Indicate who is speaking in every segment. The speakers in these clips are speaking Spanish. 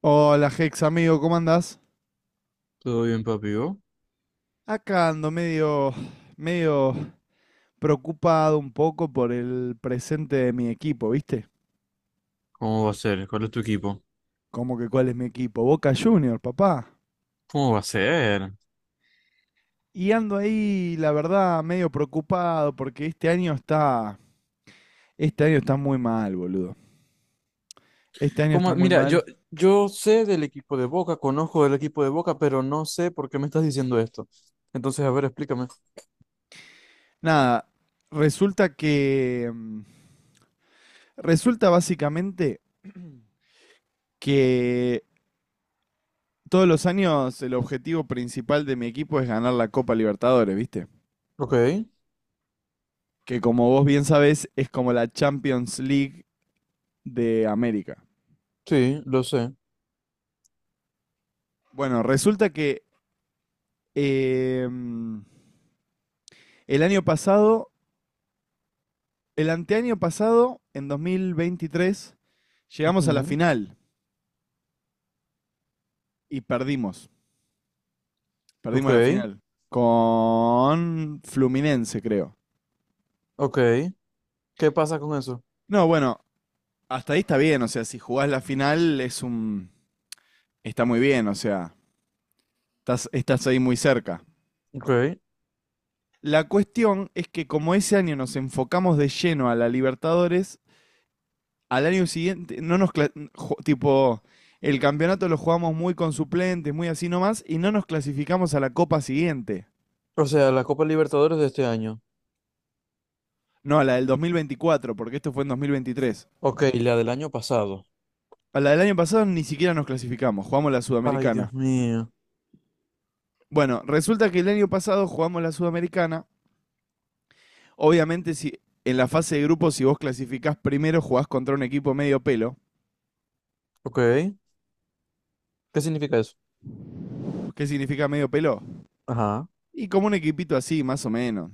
Speaker 1: Hola, Hex, amigo, ¿cómo andás?
Speaker 2: Todo bien, papi. ¿Vos?
Speaker 1: Acá ando medio preocupado un poco por el presente de mi equipo, ¿viste?
Speaker 2: ¿Cómo va a ser? ¿Cuál es tu equipo?
Speaker 1: ¿Cómo que cuál es mi equipo? Boca Juniors, papá.
Speaker 2: ¿Cómo va a ser?
Speaker 1: Y ando ahí, la verdad, medio preocupado porque este año está muy mal, boludo. Este año está
Speaker 2: ¿Cómo?
Speaker 1: muy
Speaker 2: Mira, yo,
Speaker 1: mal.
Speaker 2: yo sé del equipo de Boca, conozco del equipo de Boca, pero no sé por qué me estás diciendo esto. Entonces, a ver, explícame.
Speaker 1: Nada, resulta que, mm, resulta básicamente que todos los años el objetivo principal de mi equipo es ganar la Copa Libertadores, ¿viste?
Speaker 2: Ok,
Speaker 1: Que como vos bien sabés es como la Champions League de América.
Speaker 2: sí, lo sé.
Speaker 1: Bueno, resulta que eh, el año pasado, el anteaño pasado, en 2023, llegamos a la
Speaker 2: Ujú.
Speaker 1: final y perdimos.
Speaker 2: Ok,
Speaker 1: Perdimos la final con Fluminense, creo.
Speaker 2: ok. ¿Qué pasa con eso?
Speaker 1: No, bueno, hasta ahí está bien, o sea, si jugás la final es un. Está muy bien, o sea, estás ahí muy cerca.
Speaker 2: Ok.
Speaker 1: La cuestión es que como ese año nos enfocamos de lleno a la Libertadores, al año siguiente no nos tipo el campeonato lo jugamos muy con suplentes, muy así nomás y no nos clasificamos a la copa siguiente.
Speaker 2: O sea, la Copa Libertadores de este año.
Speaker 1: No, a la del 2024, porque esto fue en 2023.
Speaker 2: Ok, y la del año pasado.
Speaker 1: A la del año pasado ni siquiera nos clasificamos, jugamos la
Speaker 2: Ay,
Speaker 1: Sudamericana.
Speaker 2: Dios mío.
Speaker 1: Bueno, resulta que el año pasado jugamos la Sudamericana. Obviamente, si en la fase de grupos, si vos clasificás primero, jugás contra un equipo medio pelo.
Speaker 2: Ok. ¿Qué significa eso?
Speaker 1: ¿Qué significa medio pelo?
Speaker 2: Ajá.
Speaker 1: Y como un equipito así, más o menos,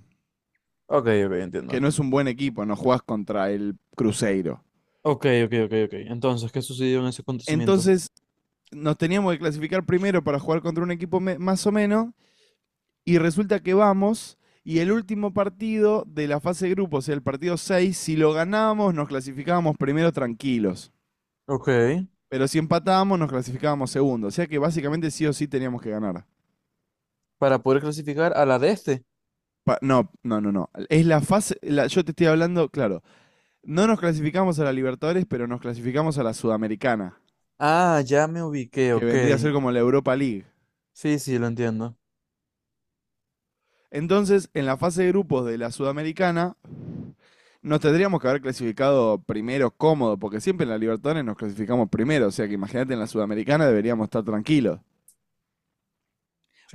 Speaker 2: Ok, ok,
Speaker 1: que
Speaker 2: entiendo.
Speaker 1: no es un buen equipo, no jugás contra el Cruzeiro.
Speaker 2: Ok, ok, ok, ok. Entonces, ¿qué sucedió en ese acontecimiento?
Speaker 1: Entonces nos teníamos que clasificar primero para jugar contra un equipo más o menos, y resulta que vamos, y el último partido de la fase de grupos, o sea, el partido 6, si lo ganábamos nos clasificábamos primero tranquilos,
Speaker 2: Ok,
Speaker 1: pero si empatábamos nos clasificábamos segundo, o sea que básicamente sí o sí teníamos que ganar.
Speaker 2: para poder clasificar a la de este.
Speaker 1: No, no, no, no. Es la fase, yo te estoy hablando, claro, no nos clasificamos a la Libertadores, pero nos clasificamos a la Sudamericana.
Speaker 2: Ah, ya me ubiqué,
Speaker 1: Que
Speaker 2: ok.
Speaker 1: vendría a ser como la Europa League.
Speaker 2: Sí, sí, lo entiendo.
Speaker 1: Entonces, en la fase de grupos de la Sudamericana, nos tendríamos que haber clasificado primero cómodo, porque siempre en la Libertadores nos clasificamos primero, o sea que imagínate, en la Sudamericana deberíamos estar tranquilos.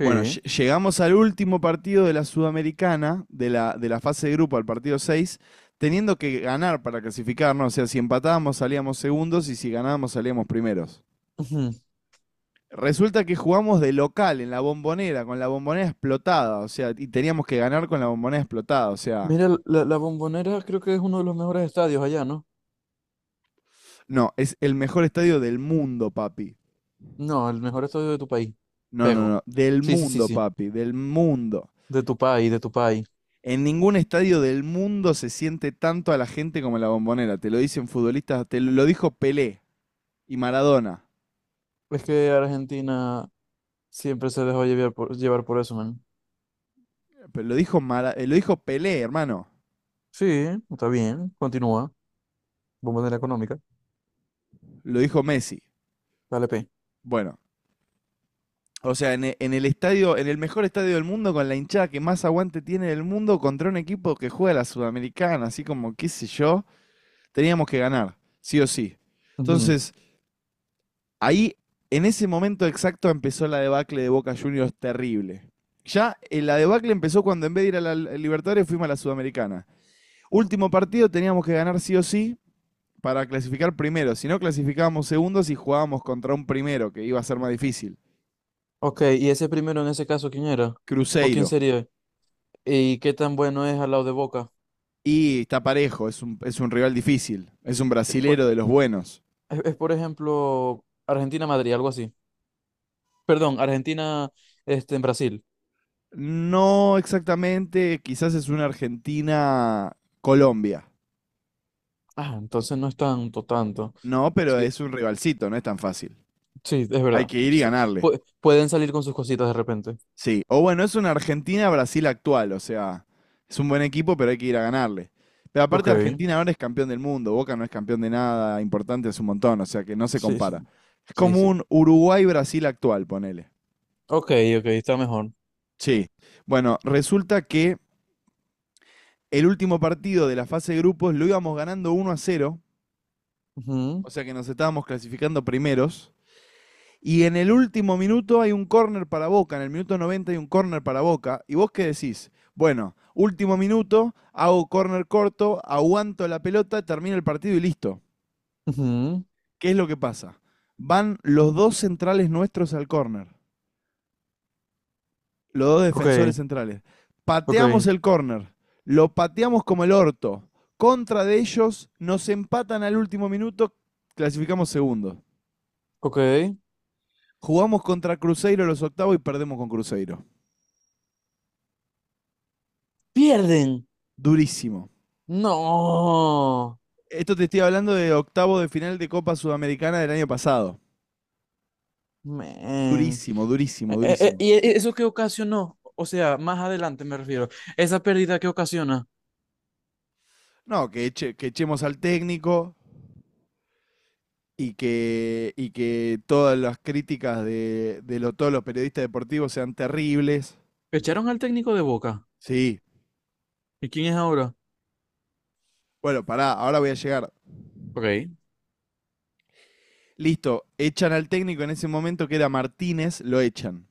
Speaker 1: Bueno, llegamos al último partido de la Sudamericana, de la fase de grupo, al partido 6, teniendo que ganar para clasificarnos, o sea, si empatábamos salíamos segundos y si ganábamos salíamos primeros.
Speaker 2: Ujú.
Speaker 1: Resulta que jugamos de local en la bombonera, con la bombonera explotada, o sea, y teníamos que ganar con la bombonera explotada, o sea.
Speaker 2: Mira, la Bombonera creo que es uno de los mejores estadios allá, ¿no?
Speaker 1: No, es el mejor estadio del mundo, papi.
Speaker 2: No, el mejor estadio de tu país.
Speaker 1: No, no,
Speaker 2: Pego.
Speaker 1: no, del
Speaker 2: Sí, sí, sí,
Speaker 1: mundo,
Speaker 2: sí.
Speaker 1: papi, del mundo.
Speaker 2: De tu país, de tu país.
Speaker 1: En ningún estadio del mundo se siente tanto a la gente como en la bombonera. Te lo dicen futbolistas, te lo dijo Pelé y Maradona.
Speaker 2: Es que Argentina siempre se dejó llevar por eso, man.
Speaker 1: Pero lo dijo Pelé, hermano.
Speaker 2: Sí, está bien. Continúa. Bombonera económica.
Speaker 1: Lo dijo Messi.
Speaker 2: Dale, P.
Speaker 1: Bueno, o sea, en el estadio, en el mejor estadio del mundo, con la hinchada que más aguante tiene del mundo, contra un equipo que juega la Sudamericana, así como qué sé yo, teníamos que ganar, sí o sí.
Speaker 2: Ujú.
Speaker 1: Entonces, ahí, en ese momento exacto, empezó la debacle de Boca Juniors terrible. Ya, la debacle empezó cuando en vez de ir a la Libertadores fuimos a la Sudamericana. Último partido teníamos que ganar sí o sí para clasificar primero. Si no, clasificábamos segundos y jugábamos contra un primero, que iba a ser más difícil.
Speaker 2: Ok, y ese primero en ese caso, ¿quién era? ¿O quién
Speaker 1: Cruzeiro.
Speaker 2: sería? ¿Y qué tan bueno es al lado de Boca?
Speaker 1: Y está parejo, es un rival difícil, es un
Speaker 2: Es,
Speaker 1: brasilero de los buenos.
Speaker 2: por ejemplo, Argentina-Madrid, algo así. Perdón, Argentina, en Brasil.
Speaker 1: No exactamente, quizás es una Argentina-Colombia.
Speaker 2: Ah, entonces no es tanto, tanto.
Speaker 1: No, pero
Speaker 2: Sí,
Speaker 1: es un rivalcito, no es tan fácil.
Speaker 2: sí, es
Speaker 1: Hay
Speaker 2: verdad.
Speaker 1: que ir y ganarle.
Speaker 2: Pueden salir con sus cositas de repente.
Speaker 1: Sí, o bueno, es una Argentina-Brasil actual, o sea, es un buen equipo, pero hay que ir a ganarle. Pero
Speaker 2: Ok,
Speaker 1: aparte Argentina ahora es campeón del mundo, Boca no es campeón de nada, importante es un montón, o sea que no se
Speaker 2: sí,
Speaker 1: compara.
Speaker 2: sí.
Speaker 1: Es
Speaker 2: Sí,
Speaker 1: como
Speaker 2: sí.
Speaker 1: un Uruguay-Brasil actual, ponele.
Speaker 2: Ok, ok, está mejor.
Speaker 1: Sí. Bueno, resulta que el último partido de la fase de grupos lo íbamos ganando 1-0,
Speaker 2: Ujú,
Speaker 1: o sea que nos estábamos clasificando primeros. Y en el último minuto hay un córner para Boca, en el minuto 90 hay un córner para Boca. ¿Y vos qué decís? Bueno, último minuto, hago córner corto, aguanto la pelota, termino el partido y listo.
Speaker 2: ujú.
Speaker 1: ¿Qué es lo que pasa? Van los dos centrales nuestros al córner, los dos
Speaker 2: Ok,
Speaker 1: defensores centrales. Pateamos
Speaker 2: ok,
Speaker 1: el córner, lo pateamos como el orto. Contra de ellos, nos empatan al último minuto, clasificamos segundo.
Speaker 2: ok.
Speaker 1: Jugamos contra Cruzeiro los octavos y perdemos con Cruzeiro.
Speaker 2: ¡Pierden!
Speaker 1: Durísimo.
Speaker 2: ¡No!
Speaker 1: Esto te estoy hablando de octavo de final de Copa Sudamericana del año pasado.
Speaker 2: Man.
Speaker 1: Durísimo, durísimo, durísimo.
Speaker 2: ¿Y eso qué ocasionó? O sea, más adelante me refiero. ¿Esa pérdida qué ocasiona?
Speaker 1: No, que echemos al técnico y que todas las críticas de todos los periodistas deportivos sean terribles.
Speaker 2: Echaron al técnico de Boca.
Speaker 1: Sí.
Speaker 2: ¿Y quién es ahora?
Speaker 1: Bueno, pará, ahora voy a llegar.
Speaker 2: Ok,
Speaker 1: Listo, echan al técnico en ese momento que era Martínez, lo echan.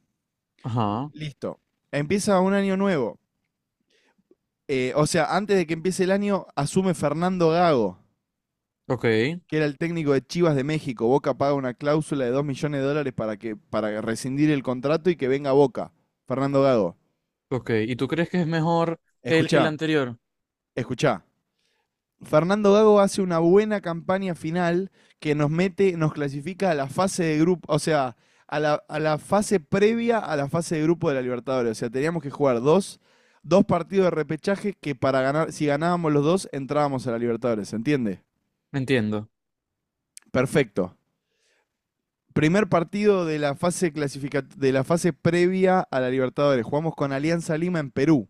Speaker 2: ajá,
Speaker 1: Listo. Empieza un año nuevo. O sea, antes de que empiece el año, asume Fernando Gago,
Speaker 2: ok,
Speaker 1: que era el técnico de Chivas de México. Boca paga una cláusula de 2 millones de dólares para rescindir el contrato y que venga Boca. Fernando Gago.
Speaker 2: ok. ¿Y tú crees que es mejor él que el
Speaker 1: Escuchá,
Speaker 2: anterior?
Speaker 1: escuchá. Fernando Gago hace una buena campaña final que nos mete, nos clasifica a la fase de grupo, o sea, a la fase previa a la fase de grupo de la Libertadores. O sea, teníamos que jugar dos partidos de repechaje que, para ganar, si ganábamos los dos, entrábamos a la Libertadores, ¿se entiende?
Speaker 2: Entiendo.
Speaker 1: Perfecto. Primer partido de la de la fase previa a la Libertadores. Jugamos con Alianza Lima en Perú.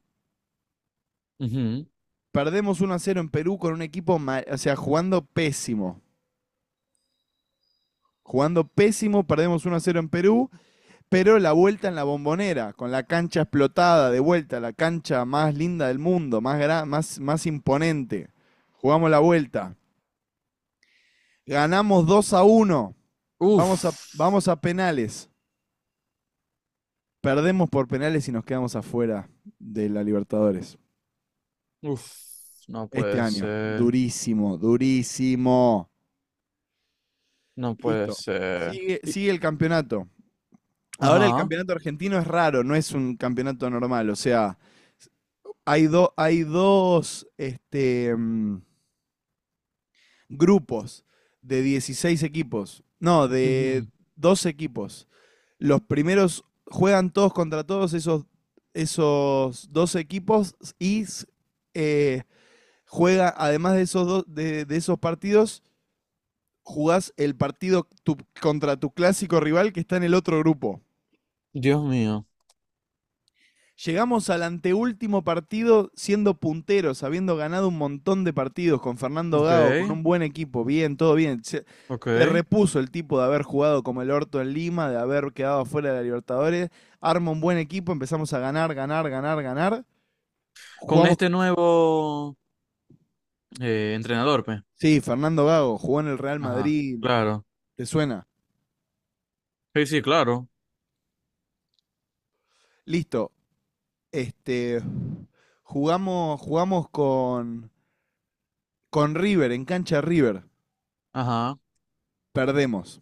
Speaker 2: Ujú.
Speaker 1: Perdemos 1-0 en Perú con un equipo, o sea, jugando pésimo. Jugando pésimo, perdemos 1-0 en Perú. Pero la vuelta en la bombonera, con la cancha explotada de vuelta, la cancha más linda del mundo, más imponente. Jugamos la vuelta. Ganamos 2-1. Vamos a,
Speaker 2: Uf,
Speaker 1: vamos a penales. Perdemos por penales y nos quedamos afuera de la Libertadores.
Speaker 2: uf, no
Speaker 1: Este
Speaker 2: puede
Speaker 1: año.
Speaker 2: ser,
Speaker 1: Durísimo, durísimo.
Speaker 2: no puede
Speaker 1: Listo.
Speaker 2: ser.
Speaker 1: Sigue,
Speaker 2: Y...
Speaker 1: sigue el campeonato. Ahora el
Speaker 2: ajá,
Speaker 1: campeonato argentino es raro, no es un campeonato normal. O sea, hay dos, grupos de 16 equipos. No, de
Speaker 2: ujú.
Speaker 1: 12 equipos. Los primeros juegan todos contra todos esos 12 equipos y eh, juega, además de esos, de esos partidos, jugás el partido contra tu clásico rival que está en el otro grupo.
Speaker 2: Dios mío.
Speaker 1: Llegamos al anteúltimo partido siendo punteros, habiendo ganado un montón de partidos con Fernando
Speaker 2: Ok,
Speaker 1: Gago, con un buen equipo, bien, todo bien. Se,
Speaker 2: ok.
Speaker 1: se repuso el tipo de haber jugado como el orto en Lima, de haber quedado afuera de la Libertadores. Arma un buen equipo, empezamos a ganar, ganar, ganar, ganar.
Speaker 2: Con
Speaker 1: Jugamos.
Speaker 2: este nuevo entrenador, pues.
Speaker 1: Sí, Fernando Gago jugó en el Real
Speaker 2: Ajá,
Speaker 1: Madrid,
Speaker 2: claro.
Speaker 1: ¿te suena?
Speaker 2: Sí, sí, claro.
Speaker 1: Listo. Este, jugamos con River, en cancha River.
Speaker 2: Ajá.
Speaker 1: Perdemos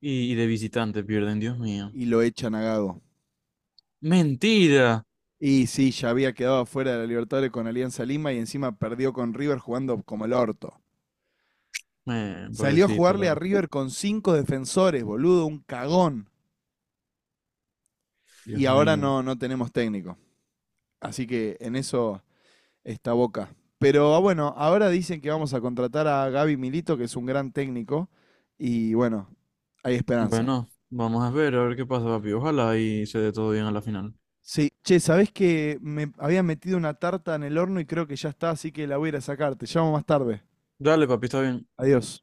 Speaker 2: Y de visitante pierden, Dios mío.
Speaker 1: y lo echan a Gago.
Speaker 2: Mentira.
Speaker 1: Y sí, ya había quedado fuera de la Libertadores con Alianza Lima y encima perdió con River jugando como el orto. Salió a
Speaker 2: Pobrecito,
Speaker 1: jugarle a
Speaker 2: la...
Speaker 1: River con cinco defensores, boludo, un cagón. Y
Speaker 2: Dios
Speaker 1: ahora
Speaker 2: mío.
Speaker 1: no tenemos técnico. Así que en eso está Boca. Pero bueno, ahora dicen que vamos a contratar a Gaby Milito, que es un gran técnico. Y bueno, hay esperanza.
Speaker 2: Bueno, vamos a ver qué pasa, papi. Ojalá y se dé todo bien a la final.
Speaker 1: Sí, che, ¿sabés que me había metido una tarta en el horno y creo que ya está, así que la voy a ir a sacar. Te llamo más tarde.
Speaker 2: Dale, papi, está bien.
Speaker 1: Adiós.